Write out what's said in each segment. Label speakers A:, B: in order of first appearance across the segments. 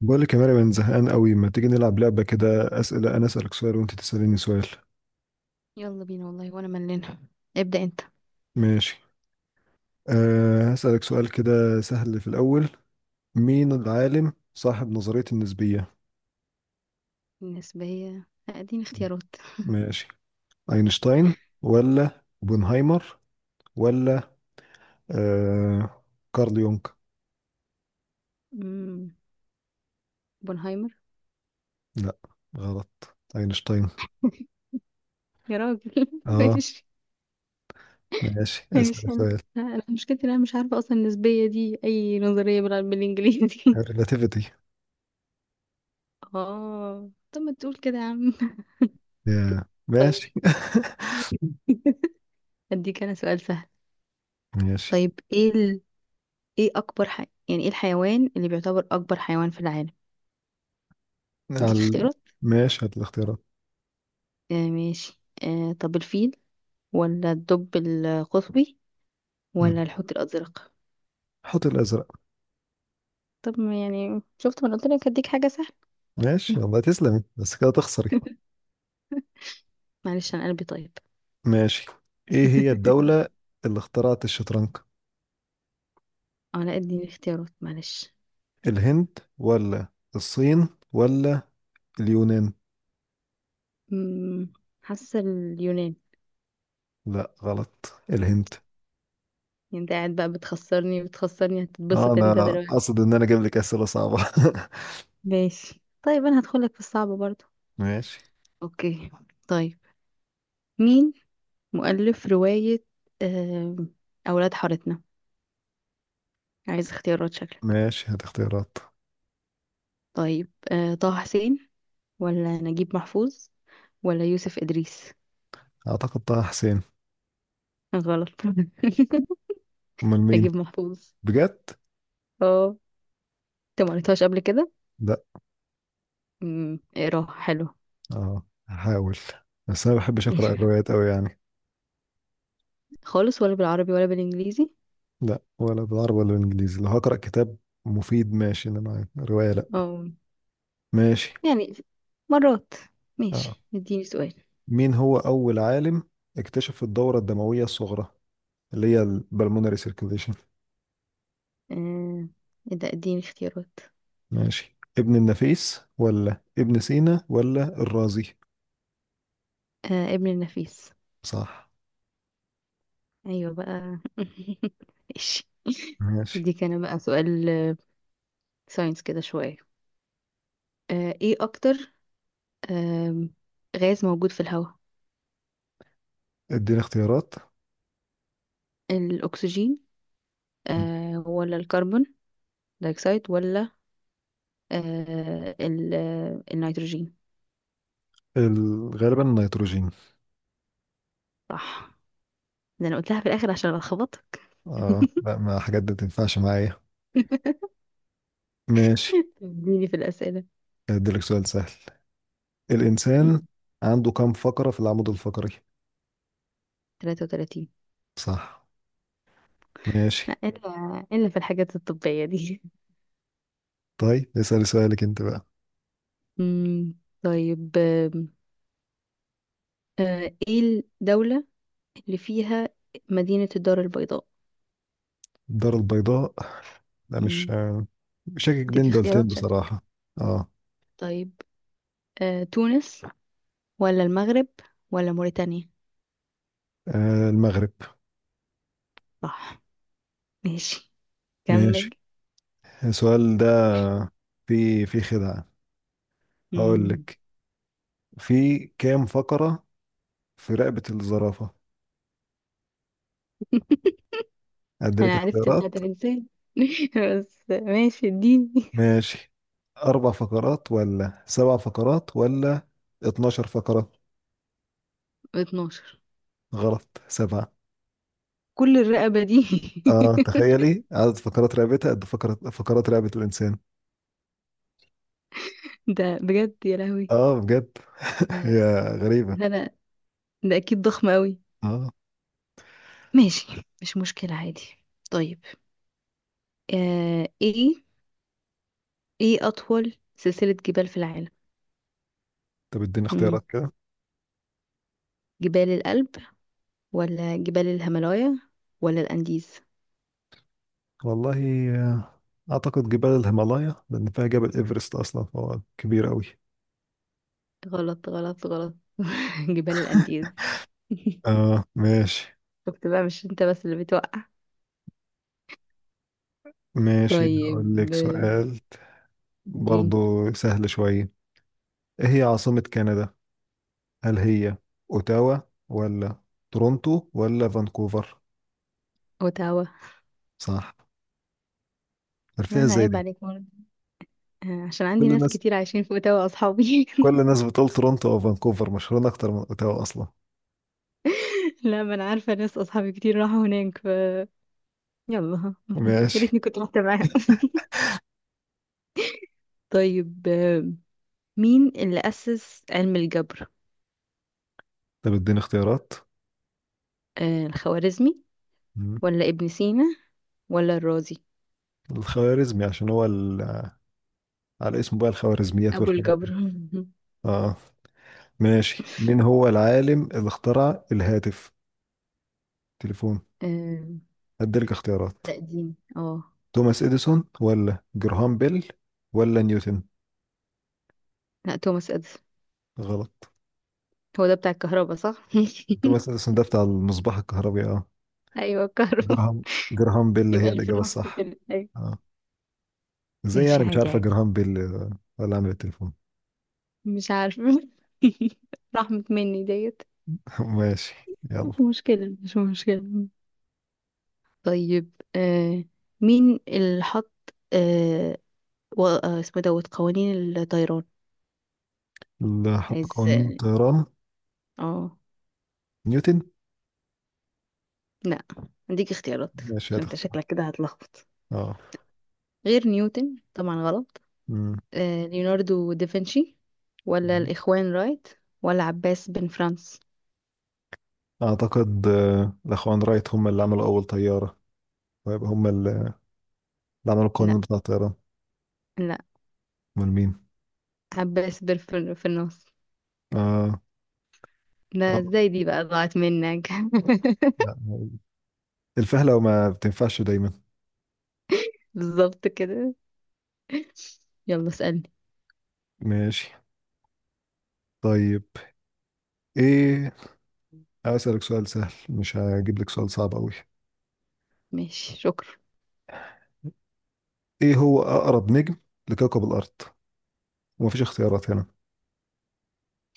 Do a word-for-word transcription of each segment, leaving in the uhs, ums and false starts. A: بقول لك يا مريم انا زهقان قوي، ما تيجي نلعب لعبه كده؟ اسئله، انا اسالك سؤال وانت تساليني سؤال.
B: يلا بينا والله وانا ملانة. ابدأ انت.
A: ماشي. أه، هسالك سؤال كده سهل في الاول. مين العالم صاحب نظريه النسبيه؟
B: النسبية اديني اختيارات.
A: ماشي، اينشتاين ولا اوبنهايمر ولا أه كارل يونغ؟
B: امم بونهايمر.
A: لا غلط، اينشتاين.
B: يا راجل
A: اه
B: ماشي.
A: ماشي، اسال
B: ماشي انا
A: سؤال.
B: انا مشكلتي إن انا مش عارفة اصلا النسبية دي اي نظرية بال- بالانجليزي
A: الريلاتيفيتي.
B: اه طب ما تقول كده يا عم.
A: يا
B: طيب
A: ماشي
B: اديك انا سؤال سهل.
A: ماشي.
B: طيب ايه ال... ايه اكبر ح... يعني ايه الحيوان اللي بيعتبر اكبر حيوان في العالم؟
A: على
B: اديك
A: ال-
B: اختيارات.
A: ماشي، هات الاختيارات.
B: آه ماشي، آه طب الفيل، ولا الدب القطبي،
A: مم.
B: ولا الحوت الازرق.
A: حط الازرق.
B: طب ما يعني شفت، ما أنا قلت لك هديك حاجة سهلة.
A: ماشي والله تسلمي، بس كده تخسري.
B: معلش انا قلبي طيب.
A: ماشي، ايه هي الدولة اللي اخترعت الشطرنج؟
B: اه لا اديني اختيارات معلش.
A: الهند ولا الصين ولا اليونان؟
B: أمم، حاسة اليونان.
A: لا غلط، الهند.
B: يعني انت قاعد بقى بتخسرني بتخسرني،
A: آه،
B: هتتبسط انت
A: انا
B: دلوقتي.
A: اقصد ان انا اجيب لك اسئلة صعبة.
B: ماشي طيب انا هدخلك في الصعب برضو.
A: ماشي.
B: اوكي. طيب مين مؤلف رواية آم، اولاد حارتنا؟ عايز اختيارات شكلك.
A: ماشي هات اختيارات.
B: طيب آه، طه حسين، ولا نجيب محفوظ، ولا يوسف ادريس.
A: اعتقد طه حسين.
B: غلط
A: امال مين؟
B: نجيب محفوظ.
A: بجد؟
B: اه انت ما قريتهاش قبل كده؟
A: لا.
B: امم اقراها حلو.
A: اه هحاول، بس انا ما بحبش اقرا الروايات قوي يعني.
B: خالص، ولا بالعربي ولا بالانجليزي؟
A: لا ولا بالعربي ولا بالانجليزي. لو هقرا كتاب مفيد ماشي، انما رواية لا.
B: اه
A: ماشي.
B: يعني مرات.
A: آه.
B: ماشي اديني سؤال.
A: مين هو أول عالم اكتشف الدورة الدموية الصغرى اللي هي البلمونري سيركيليشن؟
B: آه، ايه ده، اديني اختيارات.
A: ماشي، ابن النفيس ولا ابن سينا ولا الرازي؟
B: آه، ابن النفيس.
A: صح.
B: ايوه بقى ماشي.
A: ماشي.
B: دي كان بقى سؤال ساينس كده شوية. آه، ايه اكتر آم، غاز موجود في الهواء؟
A: ادينا اختيارات.
B: الاكسجين، آه، ولا الكربون دايوكسيد، ولا آه، ال- آه، النيتروجين.
A: ال- غالبا النيتروجين.
B: صح. ده انا قلتها في الاخر عشان الخبطك.
A: اه لا، ما حاجات دي تنفعش معايا. ماشي.
B: تديني في الاسئله.
A: اديلك سؤال سهل.
B: مم.
A: الإنسان عنده كم فقرة في العمود الفقري؟
B: ثلاثة وتلاتين.
A: صح. ماشي.
B: لا الا الا في الحاجات الطبيه دي.
A: طيب اسأل سؤالك انت بقى.
B: مم. طيب، آم، آه، ايه الدوله اللي فيها مدينه الدار البيضاء؟
A: الدار البيضاء. لا مش
B: مم.
A: آه، شاكك
B: اديك
A: بين دولتين
B: اختيارات شكلك.
A: بصراحة. اه.
B: طيب آه، تونس، ولا المغرب، ولا موريتانيا.
A: آه، المغرب.
B: صح. ماشي
A: ماشي.
B: كمل.
A: السؤال ده في في خدعة. هقول
B: مم.
A: لك، في كام فقرة في رقبة الزرافة؟ أديلك
B: انا عرفت بتاعت
A: اختيارات.
B: الانسان. بس ماشي اديني.
A: ماشي، أربع فقرات ولا سبع فقرات ولا اتناشر فقرة؟
B: اتناشر.
A: غلط، سبعة.
B: كل الرقبة دي؟
A: اه تخيلي عدد فقرات رقبتها قد فقرات فقرات رقبة الإنسان.
B: ده بجد يا لهوي.
A: اه بجد.
B: ده
A: هي غريبة.
B: ده انا ده اكيد ضخم قوي.
A: اه
B: ماشي مش مشكلة عادي. طيب آه، ايه، ايه اطول سلسلة جبال في العالم؟
A: طب اديني
B: مم.
A: اختيارات كده.
B: جبال الألب، ولا جبال الهيمالايا، ولا الأنديز.
A: والله آه، أعتقد جبال الهيمالايا لأن فيها جبل إيفرست أصلا فهو كبير أوي.
B: غلط غلط غلط جبال الأنديز.
A: آه ماشي.
B: شفت بقى مش انت بس اللي بتوقع.
A: ماشي، هقول
B: طيب
A: لك
B: آه،
A: سؤال
B: دين.
A: برضو سهل شوية. إيه هي عاصمة كندا؟ هل هي أوتاوا ولا تورونتو ولا فانكوفر؟
B: اوتاوا.
A: صح.
B: لا
A: عرفتها
B: انا
A: إزاي
B: عيب
A: دي؟
B: عليك برضه. آه، عشان عندي
A: كل
B: ناس
A: الناس
B: كتير عايشين في اوتاوا اصحابي
A: كل الناس بتقول تورونتو أو فانكوفر مشهورين أكتر من أوتاوا أصلا.
B: لا ما انا عارفه ناس اصحابي كتير راحوا هناك، ف يلا يا
A: ماشي.
B: ريتني كنت رحت معاهم طيب آه، مين اللي اسس علم الجبر؟
A: طب اديني اختيارات.
B: آه، الخوارزمي،
A: مم.
B: ولا ابن سينا، ولا الرازي.
A: الخوارزمي عشان هو ال... على اسمه بقى الخوارزميات
B: ابو
A: والحاجات
B: الجبر.
A: دي. اه. ماشي، مين هو العالم اللي اخترع الهاتف، تليفون؟
B: آه،
A: هديلك اختيارات.
B: لا دين اه.
A: توماس اديسون ولا جراهام بيل ولا نيوتن؟
B: لا توماس اديسون.
A: غلط.
B: هو ده بتاع الكهرباء صح؟
A: توماس اديسون ده بتاع المصباح الكهربي، اه.
B: ايوه الكهرباء.
A: جراهام جراهام بيل
B: يبقى
A: هي
B: اللي في
A: الاجابه
B: النص
A: الصح.
B: كده ايوه.
A: اه، ازاي
B: ماشي
A: يعني مش
B: عادي
A: عارفه
B: عادي.
A: جراهام بيل آه، ولا عامل التليفون؟
B: مش عارفه رحمة مني ديت.
A: ماشي يلا.
B: مش مشكلة مش مشكلة. طيب آه، مين اللي حط آه و- آه، اسمه دوت قوانين الطيران؟
A: اللي حط
B: عايز
A: قانون الطيران
B: اه.
A: نيوتن.
B: لا اديك اختيارات
A: ماشي
B: عشان انت
A: هتختار.
B: شكلك كده هتلخبط.
A: اه.
B: غير نيوتن طبعا غلط.
A: مم.
B: آه ليوناردو دافنشي، ولا الاخوان رايت، ولا عباس بن فرانس.
A: اعتقد آه، الاخوان رايت هم اللي عملوا اول طياره، ويبقى هم اللي عملوا
B: لا
A: القانون بتاع الطيران.
B: لا،
A: امال مين؟
B: عباس بن فر- فرناس.
A: اه.
B: لا
A: اه
B: ازاي دي بقى ضاعت منك
A: لا، الفهلة وما بتنفعش دايما.
B: بالظبط كده. يلا اسألني.
A: ماشي. طيب ايه، هسألك سؤال سهل مش هجيب لك سؤال صعب قوي.
B: ماشي شكرا.
A: ايه هو اقرب نجم لكوكب الارض؟ ومفيش اختيارات هنا.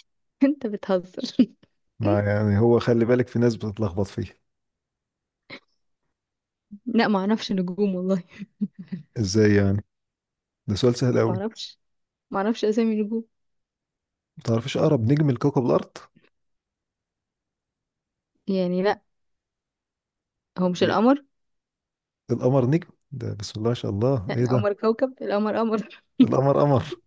B: انت بتهزر.
A: ما يعني هو خلي بالك، في ناس بتتلخبط فيه.
B: لا ما اعرفش نجوم والله.
A: ازاي يعني، ده سؤال سهل
B: ما
A: قوي.
B: اعرفش، ما اعرفش اسامي نجوم
A: ما تعرفش اقرب نجم لكوكب الارض؟
B: يعني. لا، هو مش
A: ي-
B: القمر؟
A: القمر نجم؟ ده بسم الله ما شاء الله،
B: لا
A: ايه ده؟
B: القمر كوكب، القمر قمر.
A: القمر قمر.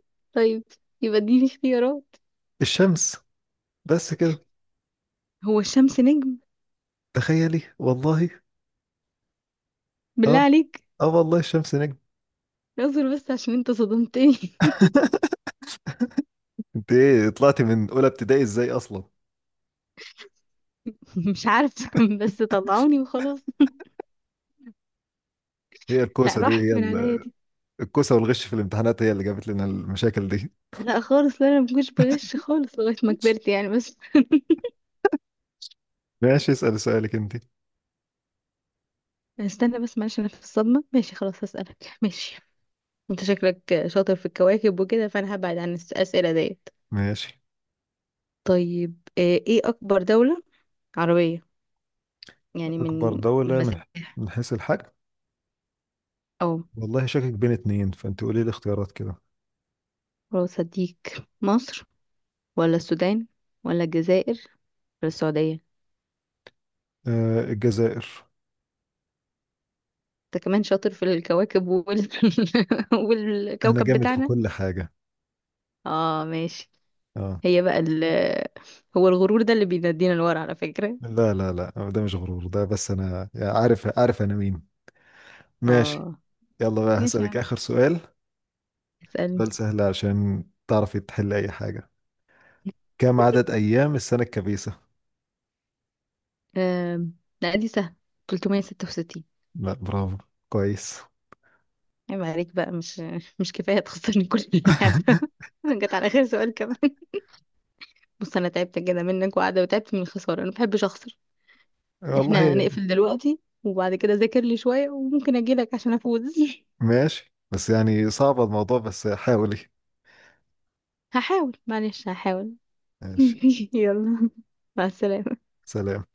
B: طيب، يبقى اديني اختيارات.
A: الشمس، بس كده.
B: هو الشمس نجم؟
A: تخيلي والله.
B: بالله
A: اه.
B: عليك.
A: اه والله الشمس نجم.
B: اصبر بس عشان انت صدمتني.
A: انت ايه طلعتي من اولى ابتدائي ازاي اصلا؟
B: مش عارفه، بس طلعوني وخلاص.
A: هي
B: لا
A: الكوسه دي هي
B: راحت من عليا
A: ال-
B: دي.
A: الكوسه والغش في الامتحانات هي اللي جابت لنا المشاكل دي.
B: لا خالص، لا انا مكنتش بغش خالص لغايه ما كبرت يعني بس.
A: ماشي اسال سؤالك انت.
B: استنى بس معلش انا في الصدمه. ماشي خلاص هسألك. ماشي، انت شكلك شاطر في الكواكب وكده، فانا هبعد عن الاسئله دي.
A: ماشي،
B: طيب آه، ايه اكبر دولة عربية، يعني من،
A: اكبر
B: من
A: دوله من
B: مساحة
A: من حيث الحجم.
B: او،
A: والله شاكك بين اتنين فانت قولي لي اختيارات كده.
B: خلاص هديك. مصر، ولا السودان، ولا الجزائر، ولا السعودية.
A: آه الجزائر.
B: انت كمان شاطر في الكواكب وال...
A: انا
B: والكوكب
A: جامد في
B: بتاعنا.
A: كل حاجه.
B: اه ماشي.
A: اه.
B: هي بقى ال... هو الغرور ده اللي بينادينا لورا على فكرة.
A: لا لا لا ده مش غرور، ده بس انا يعني عارف، عارف انا مين. ماشي.
B: اه.
A: يلا بقى
B: ماشي يا
A: هسألك
B: عم
A: آخر سؤال.
B: اسألني.
A: سؤال سهل عشان تعرفي تحل أي حاجة. كم عدد أيام السنة الكبيسة؟
B: آم، لا دي سهلة. تلتمية وستة وستين.
A: لا برافو، كويس.
B: عيب عليك بقى، مش مش كفاية تخسرني كل اللعبة جت على آخر سؤال كمان. بص انا تعبت كده منك وقاعده، وتعبت من الخساره، انا بحبش اخسر. احنا
A: والله
B: نقفل دلوقتي، وبعد كده ذاكر لي شويه وممكن اجيلك عشان افوز.
A: ماشي، بس يعني صعب الموضوع، بس حاولي.
B: هحاول معلش هحاول.
A: ماشي.
B: يلا مع السلامه.
A: سلام.